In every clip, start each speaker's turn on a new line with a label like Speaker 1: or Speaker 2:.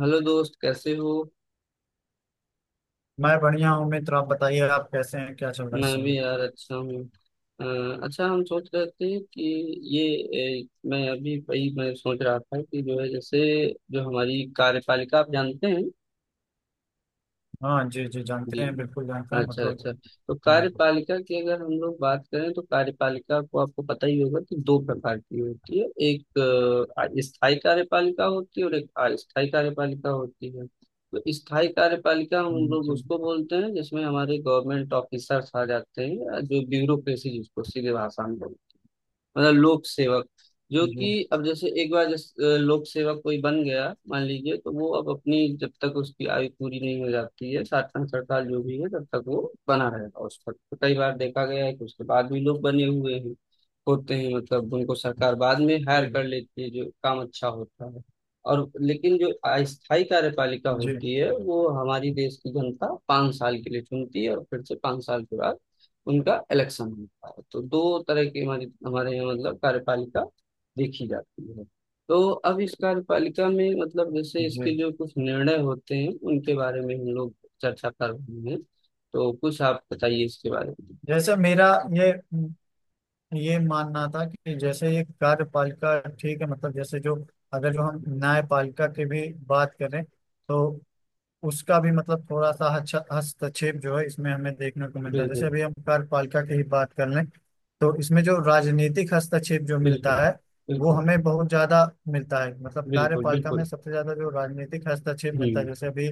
Speaker 1: Hello दोस्त, कैसे हो?
Speaker 2: मैं बढ़िया हूँ मित्र। आप बताइए, आप कैसे हैं? क्या चल रहा है इस
Speaker 1: मैं
Speaker 2: समय?
Speaker 1: भी यार अच्छा हूँ। अ, अच्छा, हम सोच रहे थे कि ये मैं अभी वही मैं सोच रहा था कि जो है जैसे जो हमारी कार्यपालिका, आप जानते हैं।
Speaker 2: हाँ जी जी,
Speaker 1: जी।
Speaker 2: जानते हैं, बिल्कुल जानते हैं,
Speaker 1: अच्छा
Speaker 2: मतलब।
Speaker 1: अच्छा। तो
Speaker 2: हम्म।
Speaker 1: कार्यपालिका की अगर हम लोग बात करें तो कार्यपालिका को आपको पता ही होगा कि दो प्रकार की होती है। एक स्थायी कार्यपालिका होती है और एक अस्थायी कार्यपालिका होती है। तो स्थायी कार्यपालिका हम लोग
Speaker 2: जी
Speaker 1: उसको बोलते हैं जिसमें हमारे गवर्नमेंट ऑफिसर्स आ जाते हैं, या जो ब्यूरोक्रेसी जिसको सीधे भाषा में बोलते हैं मतलब लोक सेवक। जो
Speaker 2: जी
Speaker 1: कि अब जैसे एक बार जैसे लोक सेवक कोई बन गया मान लीजिए, तो वो अब अपनी जब तक उसकी आयु पूरी नहीं हो जाती है, साठ पैंसठ साल जो भी है, तब तक वो बना रहेगा उस पद पर। कई बार देखा गया है कि उसके बाद भी लोग बने हुए हैं होते हैं, मतलब उनको सरकार बाद में
Speaker 2: जी
Speaker 1: हायर कर लेती है जो काम अच्छा होता है। और लेकिन जो अस्थायी कार्यपालिका
Speaker 2: जी
Speaker 1: होती है वो हमारी देश की जनता पाँच साल के लिए चुनती है, और फिर से पाँच साल के बाद उनका इलेक्शन होता है। तो दो तरह की हमारी हमारे यहाँ मतलब कार्यपालिका देखी जाती है। तो अब इस कार्यपालिका में मतलब जैसे
Speaker 2: जी।
Speaker 1: इसके जो कुछ निर्णय होते हैं उनके बारे में हम लोग चर्चा कर रहे हैं। तो कुछ आप बताइए इसके बारे में।
Speaker 2: जैसे मेरा ये ये मानना था कि जैसे ये कार्यपालिका ठीक है, मतलब जैसे जो, अगर जो हम न्यायपालिका की भी बात करें तो उसका भी मतलब थोड़ा सा हस्तक्षेप जो है इसमें हमें देखने को मिलता है। जैसे
Speaker 1: बिल्कुल।
Speaker 2: अभी हम कार्यपालिका की ही बात कर लें तो इसमें जो राजनीतिक हस्तक्षेप जो मिलता
Speaker 1: बिल्कुल
Speaker 2: है वो
Speaker 1: बिल्कुल।
Speaker 2: हमें बहुत ज्यादा मिलता है। मतलब
Speaker 1: बिल्कुल
Speaker 2: कार्यपालिका में
Speaker 1: बिल्कुल।
Speaker 2: सबसे ज्यादा जो राजनीतिक हस्तक्षेप मिलता है
Speaker 1: हम्म।
Speaker 2: जैसे अभी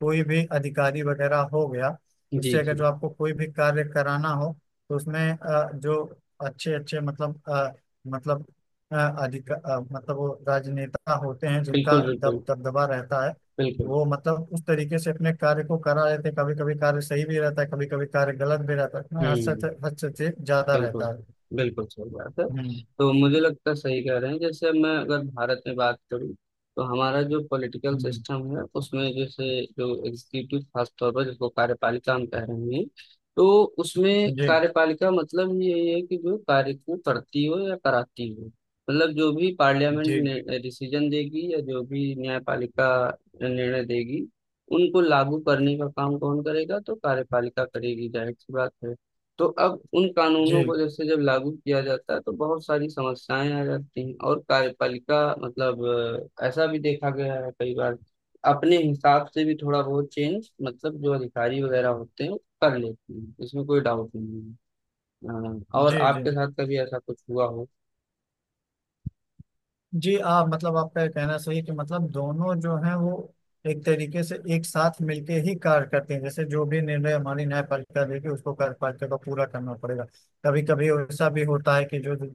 Speaker 2: कोई भी अधिकारी वगैरह हो गया
Speaker 1: जी
Speaker 2: उससे अगर
Speaker 1: जी।
Speaker 2: जो आपको कोई भी कार्य कराना हो तो उसमें जो अच्छे अच्छे मतलब मतलब अधिक मतलब वो राजनेता होते हैं जिनका
Speaker 1: बिल्कुल
Speaker 2: दब
Speaker 1: बिल्कुल।
Speaker 2: दबदबा रहता है।
Speaker 1: बिल्कुल।
Speaker 2: वो मतलब उस तरीके से अपने कार्य को करा लेते हैं। कभी कभी कार्य सही भी रहता है, कभी कभी कार्य गलत भी रहता है, उसमें हद से
Speaker 1: हम्म।
Speaker 2: हद से ज्यादा
Speaker 1: बिल्कुल,
Speaker 2: रहता है।
Speaker 1: बिल्कुल सही बात है।
Speaker 2: हम्म।
Speaker 1: तो मुझे लगता है सही कह रहे हैं। जैसे मैं अगर भारत में बात करूँ, तो हमारा जो पॉलिटिकल
Speaker 2: हम्म।
Speaker 1: सिस्टम है उसमें जैसे जो एग्जीक्यूटिव, खास तौर पर जिसको कार्यपालिका हम कह रहे हैं, तो उसमें
Speaker 2: जी
Speaker 1: कार्यपालिका मतलब ये है कि जो कार्य को करती हो या कराती हो। मतलब जो भी पार्लियामेंट
Speaker 2: जी
Speaker 1: ने डिसीजन देगी, या जो भी न्यायपालिका निर्णय देगी, उनको लागू करने का काम कौन करेगा? तो कार्यपालिका करेगी, जाहिर सी बात है। तो अब उन
Speaker 2: जी
Speaker 1: कानूनों को जैसे जब लागू किया जाता है तो बहुत सारी समस्याएं आ जाती हैं, और कार्यपालिका मतलब ऐसा भी देखा गया है कई बार अपने हिसाब से भी थोड़ा बहुत चेंज, मतलब जो अधिकारी वगैरह होते हैं वो कर लेते हैं, इसमें कोई डाउट नहीं है। और
Speaker 2: जी जी
Speaker 1: आपके साथ कभी ऐसा कुछ हुआ हो?
Speaker 2: जी। आप मतलब आपका ये कहना सही है कि मतलब दोनों जो हैं वो एक तरीके से एक साथ मिलके ही कार्य करते हैं। जैसे जो भी निर्णय हमारी न्यायपालिका देगी उसको कार्यपालिका को पूरा करना पड़ेगा। कभी कभी ऐसा भी होता है कि जो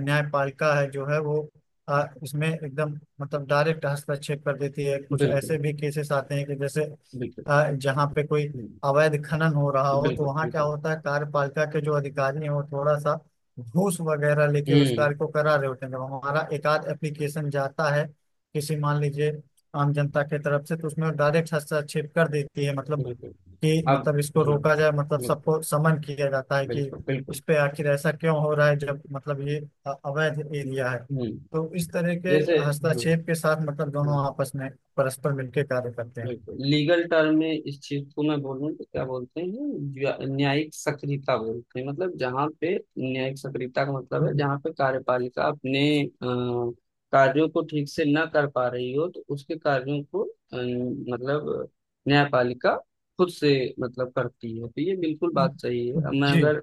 Speaker 2: न्यायपालिका है जो है वो इसमें एकदम मतलब डायरेक्ट हस्तक्षेप कर देती है। कुछ
Speaker 1: बिल्कुल।
Speaker 2: ऐसे भी केसेस आते हैं कि जैसे
Speaker 1: बिल्कुल।
Speaker 2: जहाँ पे कोई
Speaker 1: हम्म,
Speaker 2: अवैध खनन हो रहा हो तो
Speaker 1: बिल्कुल।
Speaker 2: वहाँ क्या
Speaker 1: बिल्कुल।
Speaker 2: होता है कार्यपालिका के जो अधिकारी हैं वो थोड़ा सा घूस वगैरह लेके उस कार्य
Speaker 1: हम्म।
Speaker 2: को करा रहे होते हैं। जब हमारा एक आध एप्लीकेशन जाता है किसी मान लीजिए आम जनता के तरफ से तो उसमें डायरेक्ट हस्तक्षेप कर देती है मतलब
Speaker 1: बिल्कुल।
Speaker 2: कि
Speaker 1: अब
Speaker 2: मतलब इसको
Speaker 1: हाँ,
Speaker 2: रोका जाए, मतलब
Speaker 1: बिल्कुल
Speaker 2: सबको समन किया जाता है कि
Speaker 1: बिल्कुल। बिल्कुल।
Speaker 2: उस पे आखिर ऐसा क्यों हो रहा है, जब मतलब ये अवैध एरिया है।
Speaker 1: हम्म।
Speaker 2: तो इस तरह के
Speaker 1: जैसे हाँ,
Speaker 2: हस्तक्षेप के साथ मतलब दोनों आपस में परस्पर मिलकर कार्य करते हैं।
Speaker 1: बिल्कुल। लीगल टर्म में इस चीज को मैं बोलूँ तो क्या बोलते हैं, न्यायिक सक्रियता बोलते हैं। मतलब जहाँ पे न्यायिक सक्रियता का मतलब है,
Speaker 2: हम्म।
Speaker 1: जहाँ पे कार्यपालिका अपने कार्यों को ठीक से ना कर पा रही हो तो उसके कार्यों को मतलब न्यायपालिका खुद से मतलब करती है। तो ये बिल्कुल बात सही है। अब मैं
Speaker 2: जी।
Speaker 1: अगर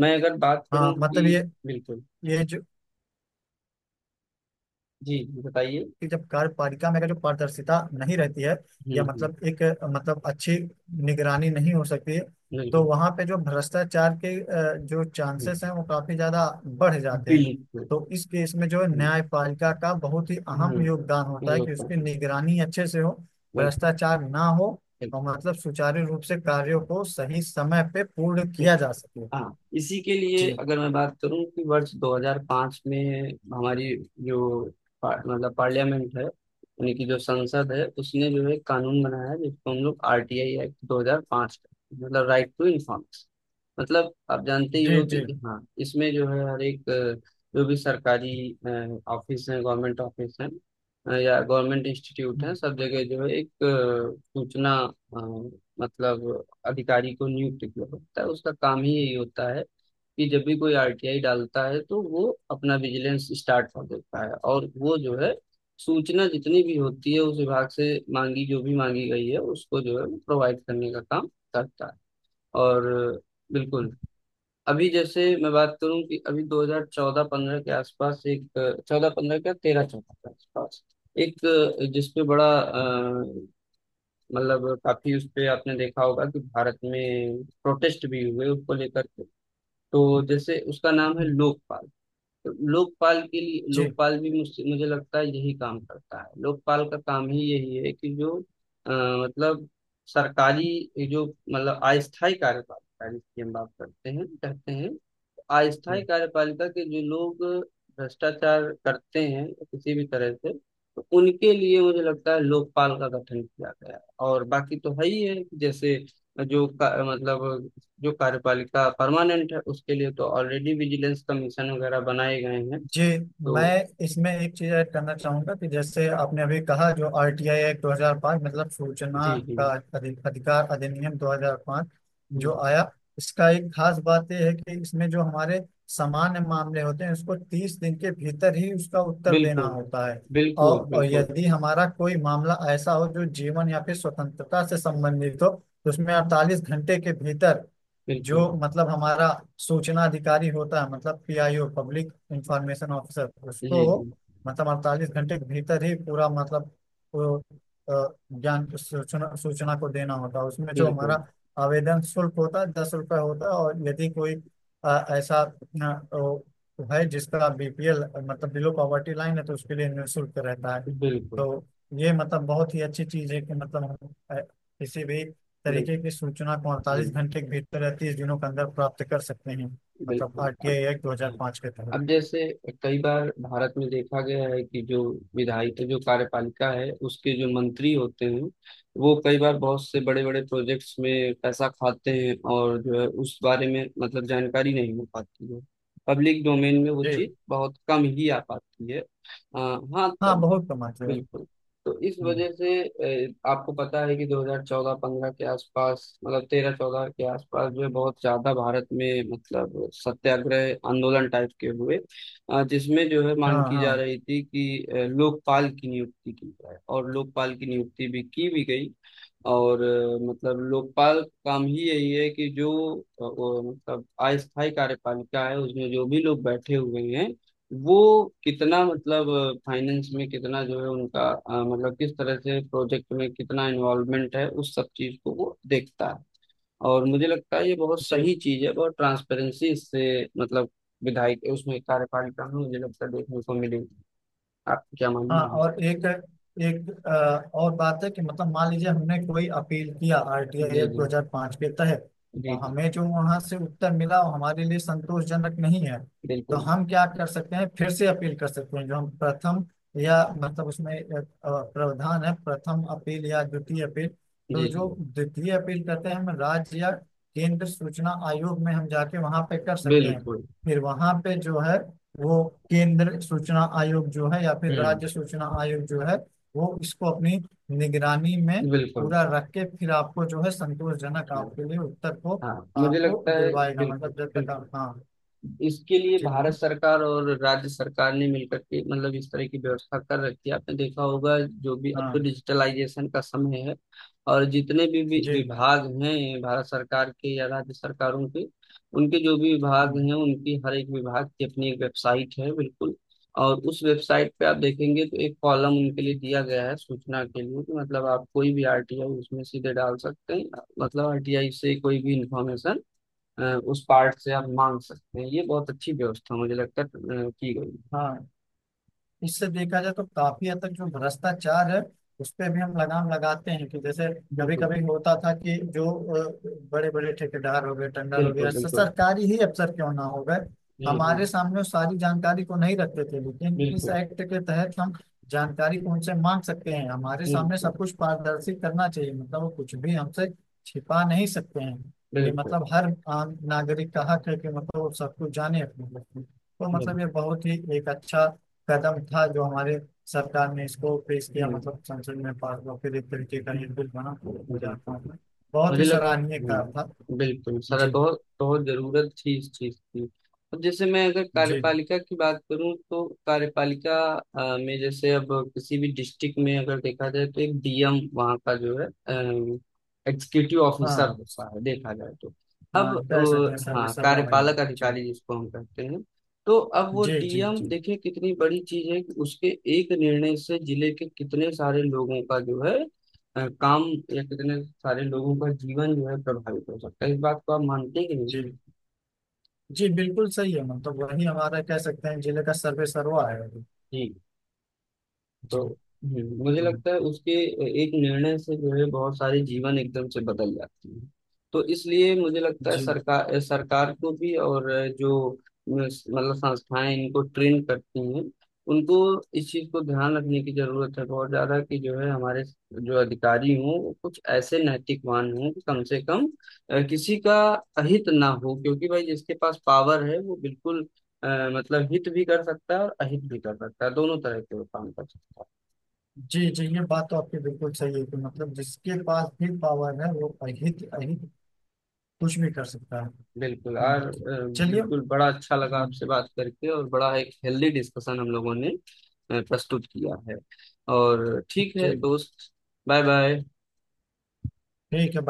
Speaker 1: मैं अगर बात
Speaker 2: हाँ,
Speaker 1: करूं
Speaker 2: मतलब ये
Speaker 1: कि बिल्कुल।
Speaker 2: ये जो
Speaker 1: जी बताइए।
Speaker 2: कि जब कार्यपालिका में अगर जो पारदर्शिता नहीं रहती है या
Speaker 1: हम्म।
Speaker 2: मतलब एक मतलब अच्छी निगरानी नहीं हो सकती है, तो
Speaker 1: बिल्कुल।
Speaker 2: वहां पे जो भ्रष्टाचार के जो चांसेस
Speaker 1: हम्म,
Speaker 2: हैं वो काफी ज्यादा बढ़ जाते हैं।
Speaker 1: बिल्कुल।
Speaker 2: तो इस केस में जो है,
Speaker 1: हम्म
Speaker 2: न्यायपालिका का बहुत ही
Speaker 1: हम्म।
Speaker 2: अहम योगदान होता
Speaker 1: ये
Speaker 2: है कि
Speaker 1: होता
Speaker 2: उसकी
Speaker 1: है।
Speaker 2: निगरानी अच्छे से हो,
Speaker 1: बिल्कुल
Speaker 2: भ्रष्टाचार ना हो और
Speaker 1: बिल्कुल
Speaker 2: मतलब सुचारू रूप से कार्यों को सही समय पे पूर्ण किया
Speaker 1: बिल्कुल।
Speaker 2: जा सके।
Speaker 1: हाँ, इसी के लिए
Speaker 2: जी
Speaker 1: अगर मैं बात करूं कि वर्ष 2005 में हमारी जो मतलब पार्लियामेंट है, यानी कि जो संसद है, उसने जो है एक कानून बनाया है जिसको हम लोग आरटीआई एक्ट 2005 कहते हैं, मतलब राइट टू इन्फॉर्मेशन। मतलब आप जानते ही
Speaker 2: जी
Speaker 1: हो
Speaker 2: जी
Speaker 1: कि हाँ, इसमें जो है हर एक जो भी सरकारी ऑफिस है, गवर्नमेंट ऑफिस है, या गवर्नमेंट इंस्टीट्यूट है, सब जगह जो है एक सूचना अ, मतलब अधिकारी को नियुक्त किया होता है। उसका काम ही यही होता है कि जब भी कोई आरटीआई डालता है तो वो अपना विजिलेंस स्टार्ट कर देता है, और वो जो है सूचना जितनी भी होती है उस विभाग से मांगी, जो भी मांगी गई है उसको जो है प्रोवाइड करने का काम करता है। और बिल्कुल, अभी जैसे मैं बात करूं कि अभी 2014-15 के आसपास, एक 14-15 का, 13-14 के आसपास एक, जिसपे बड़ा मतलब काफी उस पे आपने देखा होगा कि भारत में प्रोटेस्ट भी हुए उसको लेकर के। तो जैसे उसका नाम है लोकपाल। तो लोकपाल के लिए,
Speaker 2: जी
Speaker 1: लोकपाल भी मुझसे मुझे लगता है यही काम करता है। लोकपाल का काम ही यही है कि जो अ, मतलब सरकारी जो मतलब अस्थायी कार्यपालिका जिसकी हम बात करते हैं कहते हैं,
Speaker 2: जी
Speaker 1: अस्थायी कार्यपालिका के जो लोग भ्रष्टाचार करते हैं किसी भी तरह से, तो उनके लिए मुझे लगता है लोकपाल का गठन किया गया है। और बाकी तो है ही है कि जैसे जो मतलब जो कार्यपालिका परमानेंट है उसके लिए तो ऑलरेडी विजिलेंस कमीशन वगैरह बनाए गए हैं।
Speaker 2: जी। मैं
Speaker 1: तो
Speaker 2: इसमें एक चीज ऐड करना चाहूंगा कि जैसे आपने अभी कहा जो आरटीआई एक्ट 2005, मतलब सूचना
Speaker 1: जी जी।
Speaker 2: का अधिकार अधिनियम 2005
Speaker 1: जी
Speaker 2: जो
Speaker 1: जी।
Speaker 2: आया, इसका एक खास बात यह है कि इसमें जो हमारे सामान्य मामले होते हैं उसको तीस दिन के भीतर ही उसका उत्तर देना
Speaker 1: बिल्कुल
Speaker 2: होता है। और,
Speaker 1: बिल्कुल।
Speaker 2: और
Speaker 1: बिल्कुल
Speaker 2: यदि हमारा कोई मामला ऐसा हो जो जीवन या फिर स्वतंत्रता से संबंधित हो तो उसमें अड़तालीस घंटे के भीतर
Speaker 1: बिल्कुल।
Speaker 2: जो मतलब हमारा सूचना अधिकारी होता है, मतलब पीआईओ पब्लिक इंफॉर्मेशन ऑफिसर, उसको
Speaker 1: जी जी।
Speaker 2: मतलब अड़तालीस घंटे के भीतर ही पूरा मतलब वो ज्ञान सूचना सूचना को देना होता है। उसमें जो
Speaker 1: बिल्कुल
Speaker 2: हमारा आवेदन शुल्क होता है दस रुपये होता है। और यदि कोई ऐसा वो है जिसका बीपीएल मतलब बिलो पॉवर्टी लाइन है तो उसके लिए निःशुल्क रहता है।
Speaker 1: बिल्कुल।
Speaker 2: तो ये मतलब बहुत ही अच्छी चीज है कि मतलब हम किसी भी तरीके
Speaker 1: बिल्कुल।
Speaker 2: की सूचना को अड़तालीस
Speaker 1: जी।
Speaker 2: घंटे के भीतर या तीस दिनों के अंदर प्राप्त कर सकते हैं, मतलब
Speaker 1: बिल्कुल। अब
Speaker 2: आरटीआई एक्ट दो हजार पाँच के तहत।
Speaker 1: अब जैसे कई बार भारत में देखा गया है कि जो विधायिका, जो कार्यपालिका है उसके जो मंत्री होते हैं, वो कई बार बहुत से बड़े बड़े प्रोजेक्ट्स में पैसा खाते हैं, और जो है उस बारे में मतलब जानकारी नहीं हो पाती है, पब्लिक डोमेन में वो
Speaker 2: जी।
Speaker 1: चीज बहुत कम ही आ पाती है। हाँ
Speaker 2: हाँ
Speaker 1: तब
Speaker 2: बहुत कमाते हैं।
Speaker 1: बिल्कुल। तो इस
Speaker 2: हम्म।
Speaker 1: वजह से आपको पता है कि 2014-15 के आसपास, मतलब 13-14 के आसपास, जो है बहुत ज्यादा भारत में मतलब सत्याग्रह आंदोलन टाइप के हुए, जिसमें जो है
Speaker 2: हाँ
Speaker 1: मांग की जा
Speaker 2: हाँ।
Speaker 1: रही थी कि लोकपाल की नियुक्ति की जाए, और लोकपाल की नियुक्ति भी की भी गई। और मतलब लोकपाल का काम ही यही है कि जो वो, मतलब अस्थायी कार्यपालिका है उसमें जो भी लोग बैठे हुए हैं, वो कितना मतलब फाइनेंस में कितना जो है उनका मतलब किस तरह से प्रोजेक्ट में कितना इन्वॉल्वमेंट है, उस सब चीज को वो देखता है। और मुझे लगता है ये बहुत सही चीज है, बहुत ट्रांसपेरेंसी इससे मतलब विधायक उसमें कार्यपालिका में मुझे लगता है देखने को मिलेगी। आप क्या
Speaker 2: हाँ
Speaker 1: मानना है?
Speaker 2: और एक एक और बात है कि मतलब मान लीजिए हमने कोई अपील किया आरटीआई
Speaker 1: जी
Speaker 2: एक्ट
Speaker 1: जी।
Speaker 2: 2005 के तहत
Speaker 1: जी
Speaker 2: और
Speaker 1: जी।
Speaker 2: हमें जो वहां से उत्तर मिला वो हमारे लिए संतोषजनक नहीं है, तो
Speaker 1: बिल्कुल।
Speaker 2: हम क्या कर सकते हैं? फिर से अपील कर सकते हैं। जो हम प्रथम या मतलब उसमें एक, अ, प्रावधान है प्रथम अपील या द्वितीय अपील। तो
Speaker 1: जी जी।
Speaker 2: जो द्वितीय अपील करते हैं हम राज्य या केंद्र सूचना आयोग में हम जाके वहां पे कर सकते हैं।
Speaker 1: बिल्कुल।
Speaker 2: फिर वहां पे जो है वो केंद्र सूचना आयोग जो है या फिर
Speaker 1: हम्म।
Speaker 2: राज्य सूचना आयोग जो है वो इसको अपनी निगरानी में
Speaker 1: बिल्कुल।
Speaker 2: पूरा रख के फिर आपको जो है संतोषजनक आपके लिए उत्तर को
Speaker 1: हाँ, मुझे
Speaker 2: आपको
Speaker 1: लगता है
Speaker 2: दिलवाएगा,
Speaker 1: बिल्कुल
Speaker 2: मतलब जब तक
Speaker 1: बिल्कुल।
Speaker 2: आप। हाँ।
Speaker 1: इसके लिए
Speaker 2: ठीक बोलिए।
Speaker 1: भारत सरकार और राज्य सरकार ने मिलकर के मतलब इस तरह की व्यवस्था कर रखी है। आपने देखा होगा, जो भी अब तो
Speaker 2: हाँ।
Speaker 1: डिजिटलाइजेशन का समय है, और जितने भी
Speaker 2: जी।
Speaker 1: विभाग हैं भारत सरकार के या राज्य सरकारों के, उनके जो भी विभाग
Speaker 2: हम्म।
Speaker 1: हैं, उनकी हर एक विभाग की अपनी एक वेबसाइट है, बिल्कुल। और उस वेबसाइट पे आप देखेंगे तो एक कॉलम उनके लिए दिया गया है सूचना के लिए, कि मतलब आप कोई भी आरटीआई उसमें सीधे डाल सकते हैं। मतलब आरटीआई से कोई भी इंफॉर्मेशन उस पार्ट से आप मांग सकते हैं। ये बहुत अच्छी व्यवस्था मुझे लगता है की गई है।
Speaker 2: हाँ, इससे देखा जाए तो काफी हद तक जो भ्रष्टाचार है उस पे भी हम लगाम लगाते हैं कि जैसे कभी
Speaker 1: बिल्कुल
Speaker 2: कभी होता था कि जो बड़े बड़े ठेकेदार हो गए टेंडर हो गए
Speaker 1: बिल्कुल। बिल्कुल।
Speaker 2: सरकारी ही अफसर क्यों ना हो गए
Speaker 1: जी जी।
Speaker 2: हमारे सामने वो सारी जानकारी को नहीं रखते थे, लेकिन इस
Speaker 1: बिल्कुल
Speaker 2: एक्ट के तहत हम जानकारी को उनसे मांग सकते हैं। हमारे सामने
Speaker 1: बिल्कुल।
Speaker 2: सब कुछ पारदर्शी करना चाहिए, मतलब वो कुछ भी हमसे छिपा नहीं सकते हैं। ये
Speaker 1: बिल्कुल
Speaker 2: मतलब हर आम नागरिक का हक है कि मतलब वो सब कुछ जाने अपने बारे में। तो मतलब ये
Speaker 1: बिल्कुल।
Speaker 2: बहुत ही एक अच्छा कदम था जो हमारे सरकार ने इसको पेश किया,
Speaker 1: हम्म,
Speaker 2: मतलब संसद में पास हुआ, फिर एक तरीके का ये बिल बना गुजरात
Speaker 1: बिल्कुल।
Speaker 2: में। बहुत
Speaker 1: मुझे
Speaker 2: ही
Speaker 1: लग
Speaker 2: सराहनीय कार्य था।
Speaker 1: बिल्कुल
Speaker 2: जी।
Speaker 1: सर, बहुत बहुत जरूरत थी इस चीज की। अब जैसे मैं अगर
Speaker 2: जी।
Speaker 1: कार्यपालिका की बात करूं तो कार्यपालिका में जैसे अब किसी भी डिस्ट्रिक्ट में अगर देखा जाए तो एक डीएम वहाँ का जो है एग्जीक्यूटिव ऑफिसर
Speaker 2: हाँ
Speaker 1: होता है, देखा जाए तो।
Speaker 2: हाँ
Speaker 1: अब
Speaker 2: कह सकते हैं, सर्वे
Speaker 1: हाँ,
Speaker 2: सर्वा भाई है।
Speaker 1: कार्यपालक
Speaker 2: जी
Speaker 1: अधिकारी जिसको हम कहते हैं। तो अब वो
Speaker 2: जी जी
Speaker 1: डीएम,
Speaker 2: जी
Speaker 1: देखिए कितनी बड़ी चीज है कि उसके एक निर्णय से जिले के कितने सारे लोगों का जो है काम, या कितने सारे लोगों का जीवन जो है प्रभावित हो सकता है। इस बात को आप मानते हैं कि नहीं?
Speaker 2: जी जी बिल्कुल सही है, मतलब वही हमारा कह सकते हैं जिले का सर्वे सर्वा है अभी।
Speaker 1: जी।
Speaker 2: जी।
Speaker 1: तो मुझे
Speaker 2: हम्म।
Speaker 1: लगता है उसके एक निर्णय से जो है बहुत सारे जीवन एकदम से बदल जाते हैं। तो इसलिए मुझे लगता है
Speaker 2: जी
Speaker 1: सरकार, सरकार को भी और जो मतलब संस्थाएं इनको ट्रेन करती हैं उनको इस चीज को ध्यान रखने की जरूरत है बहुत ज्यादा, कि जो है हमारे जो अधिकारी हों वो कुछ ऐसे नैतिकवान हों कि कम से कम किसी का अहित ना हो, क्योंकि भाई जिसके पास पावर है वो बिल्कुल अ, मतलब हित भी कर सकता है और अहित भी कर सकता है, दोनों तरह के वो काम कर सकता है।
Speaker 2: जी जी ये बात तो आपकी बिल्कुल सही है कि मतलब जिसके पास भी पावर है वो अहित अहित कुछ भी कर सकता है।
Speaker 1: बिल्कुल
Speaker 2: हम्म।
Speaker 1: और
Speaker 2: चलिए।
Speaker 1: बिल्कुल, बड़ा अच्छा लगा
Speaker 2: हम्म।
Speaker 1: आपसे बात करके, और बड़ा एक हेल्दी डिस्कशन हम लोगों ने प्रस्तुत किया है। और ठीक
Speaker 2: जी।
Speaker 1: है दोस्त, बाय बाय।
Speaker 2: ठीक है।